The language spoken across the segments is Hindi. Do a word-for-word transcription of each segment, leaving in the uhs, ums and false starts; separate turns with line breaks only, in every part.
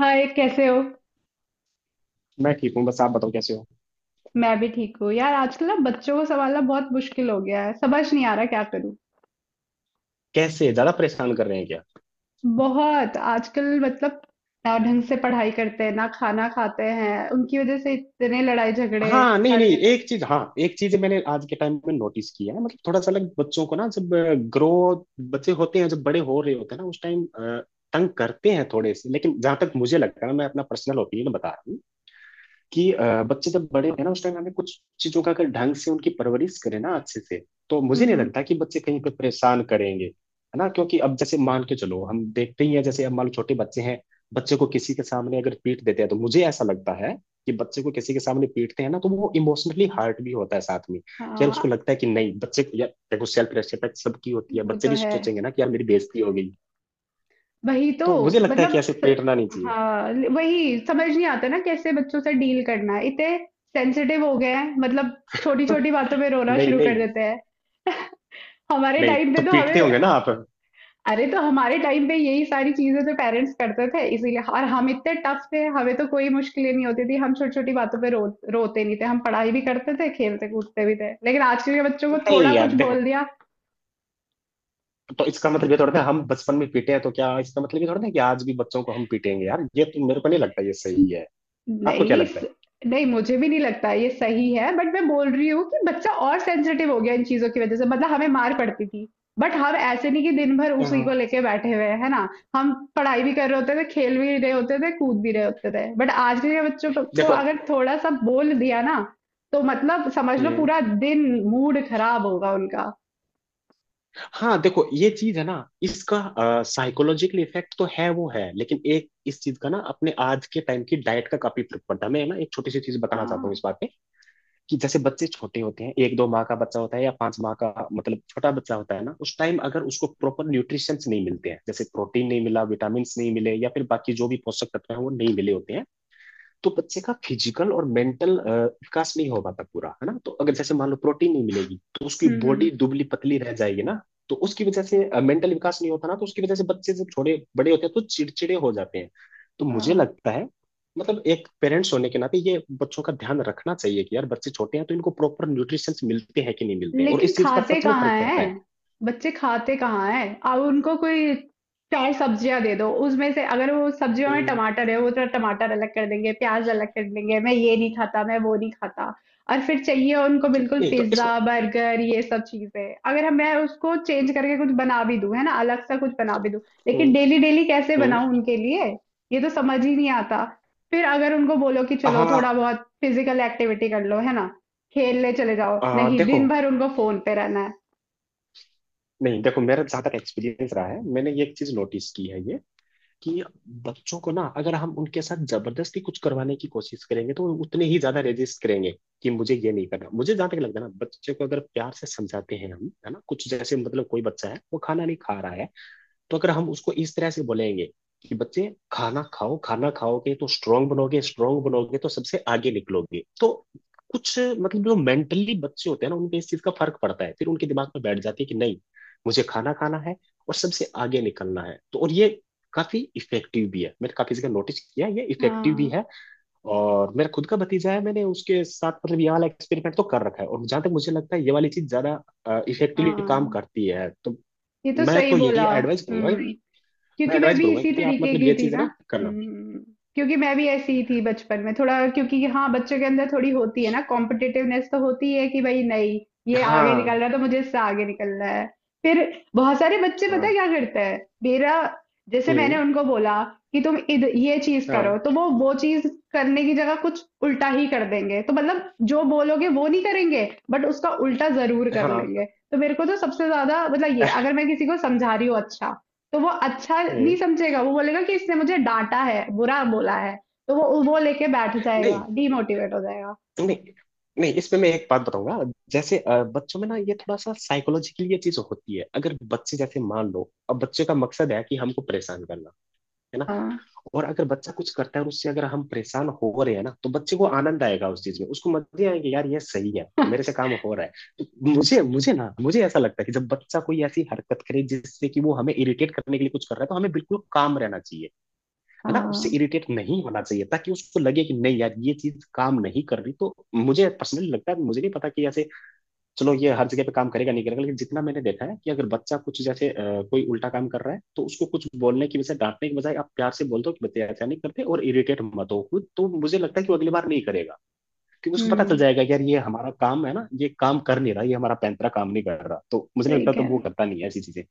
हाय, कैसे हो।
मैं ठीक हूँ, बस आप बताओ कैसे हो।
मैं भी ठीक हूँ यार, आजकल ना बच्चों को संभालना बहुत मुश्किल हो गया है, समझ नहीं आ रहा क्या करूँ।
कैसे, ज्यादा परेशान कर रहे हैं क्या?
बहुत आजकल मतलब ना ढंग से पढ़ाई करते हैं ना खाना खाते हैं, उनकी वजह से इतने लड़ाई झगड़े
हाँ, नहीं
हर
नहीं
दिन।
एक चीज हाँ एक चीज मैंने आज के टाइम में नोटिस किया है। मतलब थोड़ा सा अलग, बच्चों को ना जब ग्रो, बच्चे होते हैं, जब बड़े हो रहे होते हैं ना उस टाइम तंग करते हैं थोड़े से। लेकिन जहां तक मुझे लगता है, मैं अपना पर्सनल ओपिनियन बता रहा हूँ कि अ, बच्चे जब बड़े होंगे ना उस टाइम हमें कुछ चीजों का, अगर ढंग से उनकी परवरिश करें ना अच्छे से, तो
हम्म
मुझे नहीं
हम्म।
लगता कि बच्चे कहीं पे परेशान करेंगे, है ना? क्योंकि अब जैसे मान के चलो, हम देखते ही हैं जैसे, अब मान लो छोटे बच्चे हैं, बच्चे को किसी के सामने अगर पीट देते हैं तो मुझे ऐसा लगता है कि बच्चे को किसी के सामने पीटते हैं ना तो वो इमोशनली हर्ट भी होता है साथ में यार।
हाँ,
उसको लगता है कि नहीं, बच्चे को, यार देखो सेल्फ रेस्पेक्ट सबकी होती है,
वो
बच्चे
तो
भी
है।
सोचेंगे ना कि यार मेरी बेइज्जती हो गई।
वही तो।
तो मुझे लगता है
मतलब
कि ऐसे
स-
पीटना नहीं चाहिए।
हाँ, वही समझ नहीं आता ना कैसे बच्चों से डील करना है, इतने सेंसिटिव हो गए हैं मतलब छोटी छोटी बातों पे रोना
नहीं
शुरू कर
नहीं,
देते हैं। हमारे
नहीं
टाइम पे
तो
तो
पीटते
हमें
होंगे ना आप।
अरे तो हमारे टाइम पे यही सारी चीजें तो पेरेंट्स करते थे इसीलिए, और हम इतने टफ थे, हमें तो कोई मुश्किलें नहीं होती थी। हम छोटी छोटी बातों पे रो रोते नहीं थे, हम पढ़ाई भी करते थे, खेलते कूदते भी थे, लेकिन आजकल के बच्चों को थोड़ा
नहीं यार
कुछ
देखो,
बोल दिया।
तो इसका मतलब ये थोड़ा ना हम बचपन में पीटे हैं तो क्या इसका मतलब ये थोड़ा ना कि आज भी बच्चों को हम पीटेंगे? यार ये तो मेरे को नहीं लगता ये सही है। आपको क्या
नहीं
लगता है?
स- नहीं, मुझे भी नहीं लगता ये सही है, बट मैं बोल रही हूँ कि बच्चा और सेंसिटिव हो गया इन चीजों की वजह से, मतलब हमें मार पड़ती थी, बट हम ऐसे नहीं कि दिन भर उसी को
हाँ
लेके बैठे हुए हैं, है ना। हम पढ़ाई भी कर रहे होते थे, खेल भी रहे होते थे, कूद भी रहे होते थे, बट आज के बच्चों को
देखो।
अगर थोड़ा सा बोल दिया ना तो मतलब समझ लो
हम्म।
पूरा दिन मूड खराब होगा उनका।
हाँ देखो, ये चीज है ना, इसका साइकोलॉजिकल इफेक्ट तो है, वो है। लेकिन एक इस चीज का ना, अपने आज के टाइम की डाइट का काफी फर्क पड़ता है। मैं ना एक छोटी सी चीज बताना चाहता हूँ
हाँ,
इस बात पे कि जैसे बच्चे छोटे होते हैं, एक दो माह का बच्चा होता है या पांच माह का, मतलब छोटा बच्चा होता है ना, उस टाइम अगर उसको प्रॉपर न्यूट्रिशंस नहीं मिलते हैं, जैसे प्रोटीन नहीं मिला, विटामिन नहीं मिले, या फिर बाकी जो भी पोषक तत्व है वो नहीं मिले होते हैं, तो बच्चे का फिजिकल और मेंटल विकास नहीं हो पाता पूरा, है ना? तो अगर जैसे मान लो प्रोटीन नहीं मिलेगी तो उसकी
हम्म हम्म।
बॉडी दुबली पतली रह जाएगी ना, तो उसकी वजह से मेंटल विकास नहीं होता ना, तो उसकी वजह से बच्चे जब छोटे बड़े होते हैं तो चिड़चिड़े हो जाते हैं। तो मुझे
हाँ,
लगता है मतलब एक पेरेंट्स होने के नाते ये बच्चों का ध्यान रखना चाहिए कि यार बच्चे छोटे हैं तो इनको प्रॉपर न्यूट्रिशन मिलते हैं कि नहीं मिलते हैं, और
लेकिन
इस चीज का
खाते
सच में
कहाँ
फर्क पड़ता
हैं,
है।
बच्चे खाते कहाँ हैं अब। उनको कोई चार सब्जियां दे दो, उसमें से अगर वो सब्जियों में
हम्म।
टमाटर है वो तो टमाटर अलग कर देंगे, प्याज अलग कर देंगे, मैं ये नहीं खाता मैं वो नहीं खाता। और फिर चाहिए उनको बिल्कुल
नहीं तो
पिज्जा
इसको।
बर्गर ये सब चीजें। अगर हम मैं उसको चेंज करके कुछ बना भी दूं, है ना, अलग सा कुछ बना भी दूं, लेकिन
हम्म
डेली डेली कैसे
हम्म।
बनाऊं उनके लिए। ये तो समझ ही नहीं आता। फिर अगर उनको बोलो कि चलो थोड़ा
हाँ।
बहुत फिजिकल एक्टिविटी कर लो, है ना, खेलने चले जाओ,
हाँ,
नहीं,
देखो,
दिन भर उनको फोन पे रहना है।
नहीं देखो मेरा ज्यादा एक्सपीरियंस रहा है, मैंने ये एक चीज नोटिस की है ये कि बच्चों को ना अगर हम उनके साथ जबरदस्ती कुछ करवाने की कोशिश करेंगे तो वो उतने ही ज्यादा रेजिस्ट करेंगे कि मुझे ये नहीं करना। मुझे जहां तक लगता है ना बच्चे को अगर प्यार से समझाते हैं हम, है ना? कुछ जैसे मतलब कोई बच्चा है वो खाना नहीं खा रहा है, तो अगर हम उसको इस तरह से बोलेंगे कि बच्चे खाना खाओ, खाना खाओगे तो स्ट्रांग बनोगे, स्ट्रांग बनोगे तो सबसे आगे निकलोगे, तो कुछ मतलब जो मेंटली बच्चे होते हैं ना उनपे इस चीज का फर्क पड़ता है, फिर उनके दिमाग में बैठ जाती है कि नहीं मुझे खाना खाना है और सबसे आगे निकलना है। तो और ये काफी इफेक्टिव भी है, मैंने काफी जगह नोटिस किया ये इफेक्टिव भी
हाँ।
है। और मेरा खुद का भतीजा है, मैंने उसके साथ मतलब ये वाला एक्सपेरिमेंट तो कर रखा है, और जहां तक मुझे लगता है ये वाली चीज ज्यादा इफेक्टिवली काम
हाँ,
करती है, तो
ये तो
मैं
सही
तो यही
बोला।
एडवाइस करूंगा।
हम्म।
मैं
क्योंकि मैं
एडवाइस
भी
करूंगा
इसी
कि आप
तरीके
मतलब
की
ये
थी
चीज है
ना।
ना करना।
हम्म। क्योंकि मैं भी ऐसी ही थी बचपन में थोड़ा, क्योंकि हाँ, बच्चों के अंदर थोड़ी होती है ना कॉम्पिटिटिवनेस तो होती है कि भाई नहीं, ये आगे निकल
हाँ।
रहा है तो मुझे इससे आगे निकलना है। फिर बहुत सारे बच्चे पता है
हाँ।
क्या करते हैं मेरा? जैसे मैंने
हम्म।
उनको बोला कि तुम इध ये चीज करो,
हाँ।
तो वो वो चीज करने की जगह कुछ उल्टा ही कर देंगे, तो मतलब जो बोलोगे वो नहीं करेंगे, बट उसका उल्टा जरूर कर
हाँ।
लेंगे। तो मेरे को तो सबसे ज्यादा मतलब ये, अगर मैं किसी को समझा रही हूँ अच्छा, तो वो अच्छा नहीं
हम्म।
समझेगा, वो बोलेगा कि इसने मुझे डाँटा है, बुरा बोला है, तो वो वो लेके बैठ जाएगा,
नहीं
डीमोटिवेट हो जाएगा।
नहीं नहीं इसमें मैं एक बात बताऊंगा। जैसे अ, बच्चों में ना ये थोड़ा सा साइकोलॉजिकली ये चीज होती है, अगर बच्चे जैसे मान लो, अब बच्चे का मकसद है कि हमको परेशान करना, है ना?
हाँ,
और अगर बच्चा कुछ करता है और उससे अगर हम परेशान हो रहे हैं ना, तो बच्चे को आनंद आएगा उस चीज में, उसको मजे आएंगे यार ये सही है मेरे से काम हो रहा है। तो मुझे मुझे ना मुझे ऐसा लगता है कि जब बच्चा कोई ऐसी हरकत करे जिससे कि वो हमें इरिटेट करने के लिए कुछ कर रहा है, तो हमें बिल्कुल काम रहना चाहिए, है ना? उससे
हाँ,
इरिटेट नहीं होना चाहिए, ताकि उसको लगे कि नहीं यार ये चीज काम नहीं कर रही। तो मुझे पर्सनली लगता है, मुझे नहीं पता कि ऐसे चलो ये हर जगह पे काम करेगा नहीं करेगा, लेकिन जितना मैंने देखा है कि अगर बच्चा कुछ जैसे अ, कोई उल्टा काम कर रहा है, तो उसको कुछ बोलने की वजह डांटने की बजाय आप प्यार से बोल दो कि बच्चे ऐसा नहीं करते और इरिटेट मत हो खुद, तो मुझे लगता है कि वो अगली बार नहीं करेगा, क्योंकि उसको पता चल
हुँ,
जाएगा कि यार ये हमारा काम है ना, ये काम कर नहीं रहा, ये हमारा पैंतरा काम नहीं कर रहा, तो मुझे
सही
लगता है तो
कह रहे
वो
हैं,
करता नहीं है ऐसी चीजें।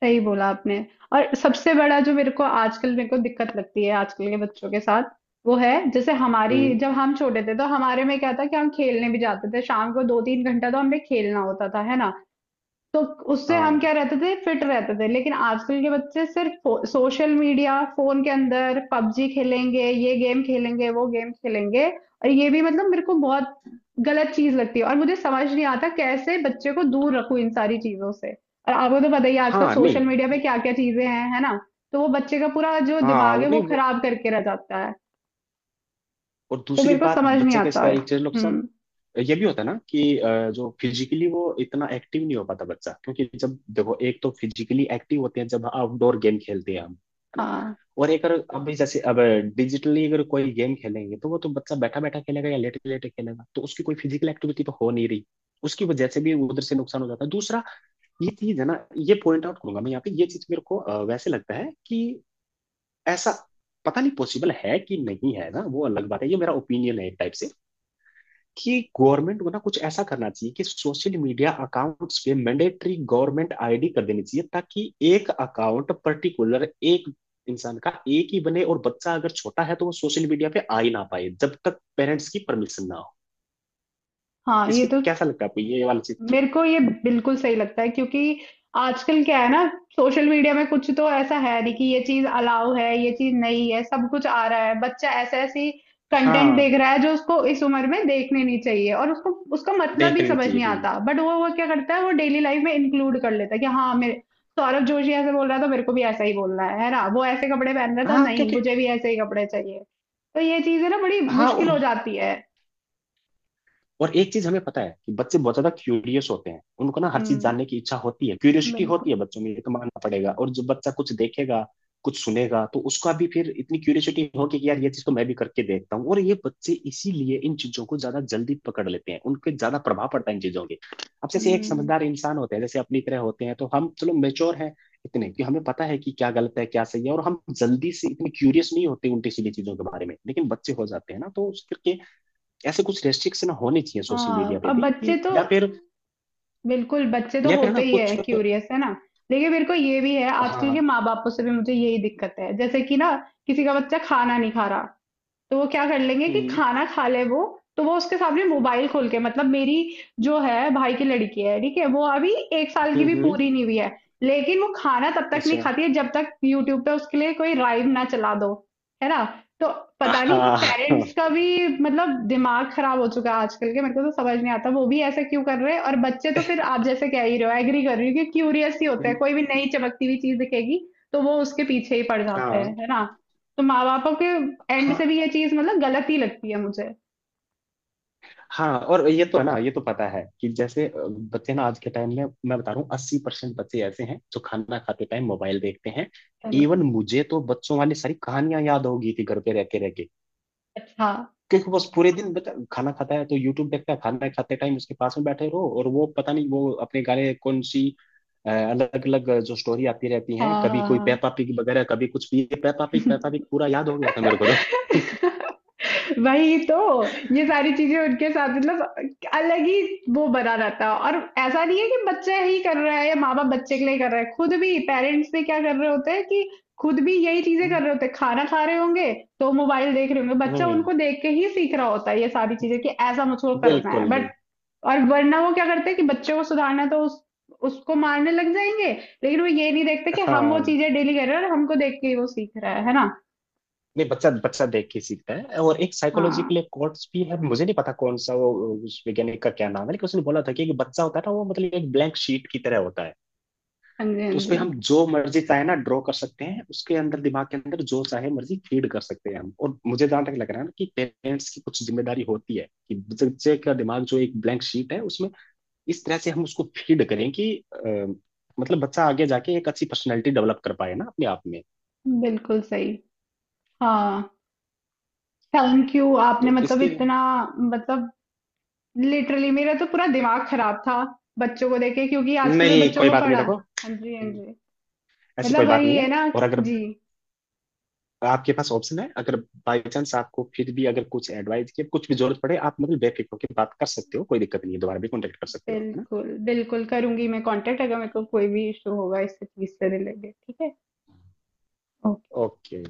सही बोला आपने। और सबसे बड़ा जो मेरे को आजकल मेरे को दिक्कत लगती है आजकल के बच्चों के साथ, वो है जैसे हमारी,
हम्म।
जब हम छोटे थे तो हमारे में क्या था कि हम खेलने भी जाते थे, शाम को दो तीन घंटा तो हमें खेलना होता था, है ना? तो उससे हम
हाँ।
क्या रहते थे, फिट रहते थे, लेकिन आजकल के बच्चे सिर्फ सोशल मीडिया, फोन के अंदर पबजी खेलेंगे, ये गेम खेलेंगे वो गेम खेलेंगे, और ये भी मतलब मेरे को बहुत गलत चीज लगती है, और मुझे समझ नहीं आता कैसे बच्चे को दूर रखूं इन सारी चीजों से, और आपको तो पता ही है, आजकल
हाँ नहीं
सोशल मीडिया पे
ये-
क्या क्या चीजें हैं, है ना। तो वो बच्चे का पूरा जो
हाँ
दिमाग है
और
वो
नहीं वो,
खराब करके रह जाता है,
और
तो
दूसरी
मेरे को
बात
समझ नहीं
बच्चे का
आता
इसका
है।
एक चीज नुकसान
हम्म।
ये भी होता है ना कि अ, जो फिजिकली वो इतना एक्टिव नहीं हो पाता बच्चा, क्योंकि जब देखो एक तो फिजिकली एक्टिव होते हैं जब आउटडोर गेम खेलते हैं हम, है ना?
हाँ
और एक अगर अब जैसे अब डिजिटली अगर कोई गेम खेलेंगे तो वो तो बच्चा बैठा बैठा खेलेगा या लेटे लेटे खेलेगा, तो उसकी कोई फिजिकल एक्टिविटी तो हो नहीं रही, उसकी वजह से भी उधर से नुकसान हो जाता है। दूसरा ये चीज है ना ये पॉइंट आउट करूंगा मैं यहाँ पे, ये चीज मेरे को अ, वैसे लगता है कि ऐसा, पता नहीं पॉसिबल है कि नहीं, है ना? वो अलग बात है, ये मेरा ओपिनियन है एक टाइप से, कि गवर्नमेंट को ना कुछ ऐसा करना चाहिए कि सोशल मीडिया अकाउंट्स पे मैंडेटरी गवर्नमेंट आईडी कर देनी चाहिए, ताकि एक अकाउंट पर्टिकुलर एक इंसान का एक ही बने, और बच्चा अगर छोटा है तो वो सोशल मीडिया पे आ ही ना पाए जब तक पेरेंट्स की परमिशन ना हो।
हाँ, ये
इसमें
तो।
कैसा लगता है आपको ये वाला चीज?
मेरे को ये बिल्कुल सही लगता है, क्योंकि आजकल क्या है ना, सोशल मीडिया में कुछ तो ऐसा है नहीं कि ये चीज अलाउ है ये चीज नहीं है, सब कुछ आ रहा है। बच्चा ऐसे ऐसी कंटेंट
हाँ
देख रहा है जो उसको इस उम्र में देखने नहीं चाहिए, और उसको उसका मतलब
देख
भी
लेनी
समझ
चाहिए।
नहीं
हम्म।
आता, बट वो वो क्या करता है, वो डेली लाइफ में इंक्लूड कर लेता है कि हाँ मेरे, सौरभ जोशी ऐसे बोल रहा है तो मेरे को भी ऐसा ही बोलना है है ना, वो ऐसे कपड़े पहन रहा है तो
हाँ
नहीं,
क्योंकि।
मुझे भी ऐसे ही कपड़े चाहिए। तो ये चीजें ना बड़ी
हाँ
मुश्किल
और
हो जाती है।
और एक चीज हमें पता है कि बच्चे बहुत ज्यादा क्यूरियस होते हैं, उनको ना हर चीज
हम्म,
जानने की इच्छा होती है, क्यूरियोसिटी होती
बिल्कुल।
है बच्चों में, ये तो मानना पड़ेगा। और जब बच्चा कुछ देखेगा कुछ सुनेगा, तो उसका भी फिर इतनी क्यूरियोसिटी होगी कि यार ये चीज तो मैं भी करके देखता हूँ, और ये बच्चे इसीलिए इन चीजों को ज्यादा जल्दी पकड़ लेते हैं, उनके ज्यादा प्रभाव पड़ता है इन चीजों के। अब जैसे एक
हम्म।
समझदार इंसान होते हैं जैसे अपनी तरह होते हैं, तो हम चलो मेच्योर हैं इतने कि हमें पता है कि क्या गलत है क्या सही है, और हम जल्दी से इतने क्यूरियस नहीं होते उल्टी सीधी चीजों के बारे में, लेकिन बच्चे हो जाते हैं ना, तो उसके ऐसे कुछ रेस्ट्रिक्शन होने चाहिए सोशल मीडिया
हाँ,
पे
अब
भी,
बच्चे
कि
तो,
या फिर
बिल्कुल बच्चे तो
या फिर ना
होते ही है
कुछ।
क्यूरियस, है ना। लेकिन मेरे को ये भी है, आजकल के
हाँ।
माँ बापों से भी मुझे यही दिक्कत है, जैसे कि ना, किसी का बच्चा खाना नहीं खा रहा, तो वो क्या कर लेंगे कि
हम्म।
खाना खा ले वो, तो वो उसके सामने मोबाइल खोल के, मतलब मेरी जो है भाई की लड़की है, ठीक है, वो अभी एक साल की
हम्म।
भी
हम्म।
पूरी नहीं हुई है, लेकिन वो खाना तब तक नहीं
अच्छा।
खाती है जब तक यूट्यूब पे उसके लिए कोई राइम ना चला दो, है ना। तो पता नहीं, पेरेंट्स
हाँ।
का भी मतलब दिमाग खराब हो चुका है आजकल के, मेरे को तो समझ नहीं आता वो भी ऐसा क्यों कर रहे हैं, और बच्चे तो फिर आप जैसे कह ही रहे हो, एग्री कर रही हो कि क्यूरियस ही होते हैं,
हम्म।
कोई भी नई चमकती हुई चीज दिखेगी तो वो उसके पीछे ही पड़ जाते
हाँ।
हैं, है ना। तो माँ बापों के एंड
हाँ।
से भी ये चीज मतलब गलत ही लगती है मुझे।
हाँ और ये तो है ना ये तो पता है कि जैसे अ, बच्चे ना आज के टाइम में मैं बता रहा हूँ अस्सी परसेंट बच्चे ऐसे हैं जो खाना खाते टाइम मोबाइल देखते हैं।
पहले।
इवन मुझे तो बच्चों वाली सारी कहानियां याद होगी थी घर पे रह के रह के
अच्छा,
क्योंकि बस पूरे दिन, बता, खाना खाता है तो यूट्यूब देखता है, खाना खाते टाइम उसके पास में बैठे रहो, और वो पता नहीं वो अपने गाने कौन सी अलग अलग जो स्टोरी आती रहती हैं,
हाँ
कभी
हाँ
कोई
हाँ।
पेपा पिग वगैरह, कभी कुछ भी, पेपा पिग
हाँ,
पेपा पिग पूरा याद हो गया था मेरे को तो।
वही तो। ये सारी चीजें उनके साथ मतलब अलग ही वो बना रहता है, और ऐसा नहीं है कि बच्चा ही कर रहा है, या माँ बाप बच्चे के लिए कर रहा है, खुद भी पेरेंट्स भी क्या कर रहे होते हैं कि खुद भी यही चीजें कर
हम्म।
रहे होते हैं, खाना खा रहे होंगे तो मोबाइल देख रहे होंगे, बच्चा
हम्म,
उनको देख के ही सीख रहा होता है ये सारी चीजें कि ऐसा मुझको करना है
बिल्कुल
बट।
बिल्कुल।
और वरना वो क्या करते हैं कि बच्चों को सुधारना, तो उस उसको मारने लग जाएंगे, लेकिन वो ये नहीं देखते कि हम वो
हाँ
चीजें डेली कर रहे हैं और हमको देख के वो सीख रहा है है ना।
नहीं बच्चा, बच्चा देख के सीखता है। और एक साइकोलॉजिकल
हाँ।
कोर्स भी है, मुझे नहीं पता कौन सा वो, उस वैज्ञानिक का क्या नाम है, लेकिन उसने बोला था कि एक बच्चा होता है ना वो मतलब एक ब्लैंक शीट की तरह होता है,
हाँ जी, हाँ
उस
जी।
पे हम जो मर्जी चाहे ना ड्रॉ कर सकते हैं, उसके अंदर दिमाग के अंदर जो चाहे मर्जी फीड कर सकते हैं हम। और मुझे जहां तक लग रहा है ना कि पेरेंट्स की कुछ जिम्मेदारी होती है कि बच्चे का दिमाग जो एक ब्लैंक शीट है उसमें इस तरह से हम उसको फीड करें कि अ, मतलब बच्चा आगे जाके एक अच्छी पर्सनैलिटी डेवलप कर पाए ना अपने आप में।
बिल्कुल सही। हाँ, थैंक यू, आपने
तो
मतलब
इसके,
इतना, मतलब लिटरली मेरा तो पूरा दिमाग खराब था बच्चों को देखे, क्योंकि आजकल मैं
नहीं
बच्चों
कोई
को
बात नहीं,
पढ़ा।
देखो
हाँ जी, हाँ जी।
ऐसी
मतलब
कोई बात
वही
नहीं
है
है।
ना।
और अगर
जी,
आपके पास ऑप्शन है, अगर बाई चांस आपको फिर भी अगर कुछ एडवाइस की कुछ भी जरूरत पड़े, आप मतलब बेफिक्र होकर बात कर सकते हो, कोई दिक्कत नहीं है, दोबारा भी कॉन्टेक्ट कर सकते हो आप, है ना?
बिल्कुल बिल्कुल करूंगी मैं कांटेक्ट, अगर मेरे को कोई भी इशू होगा इस चीज से रिलेटेड। ठीक है।
ओके।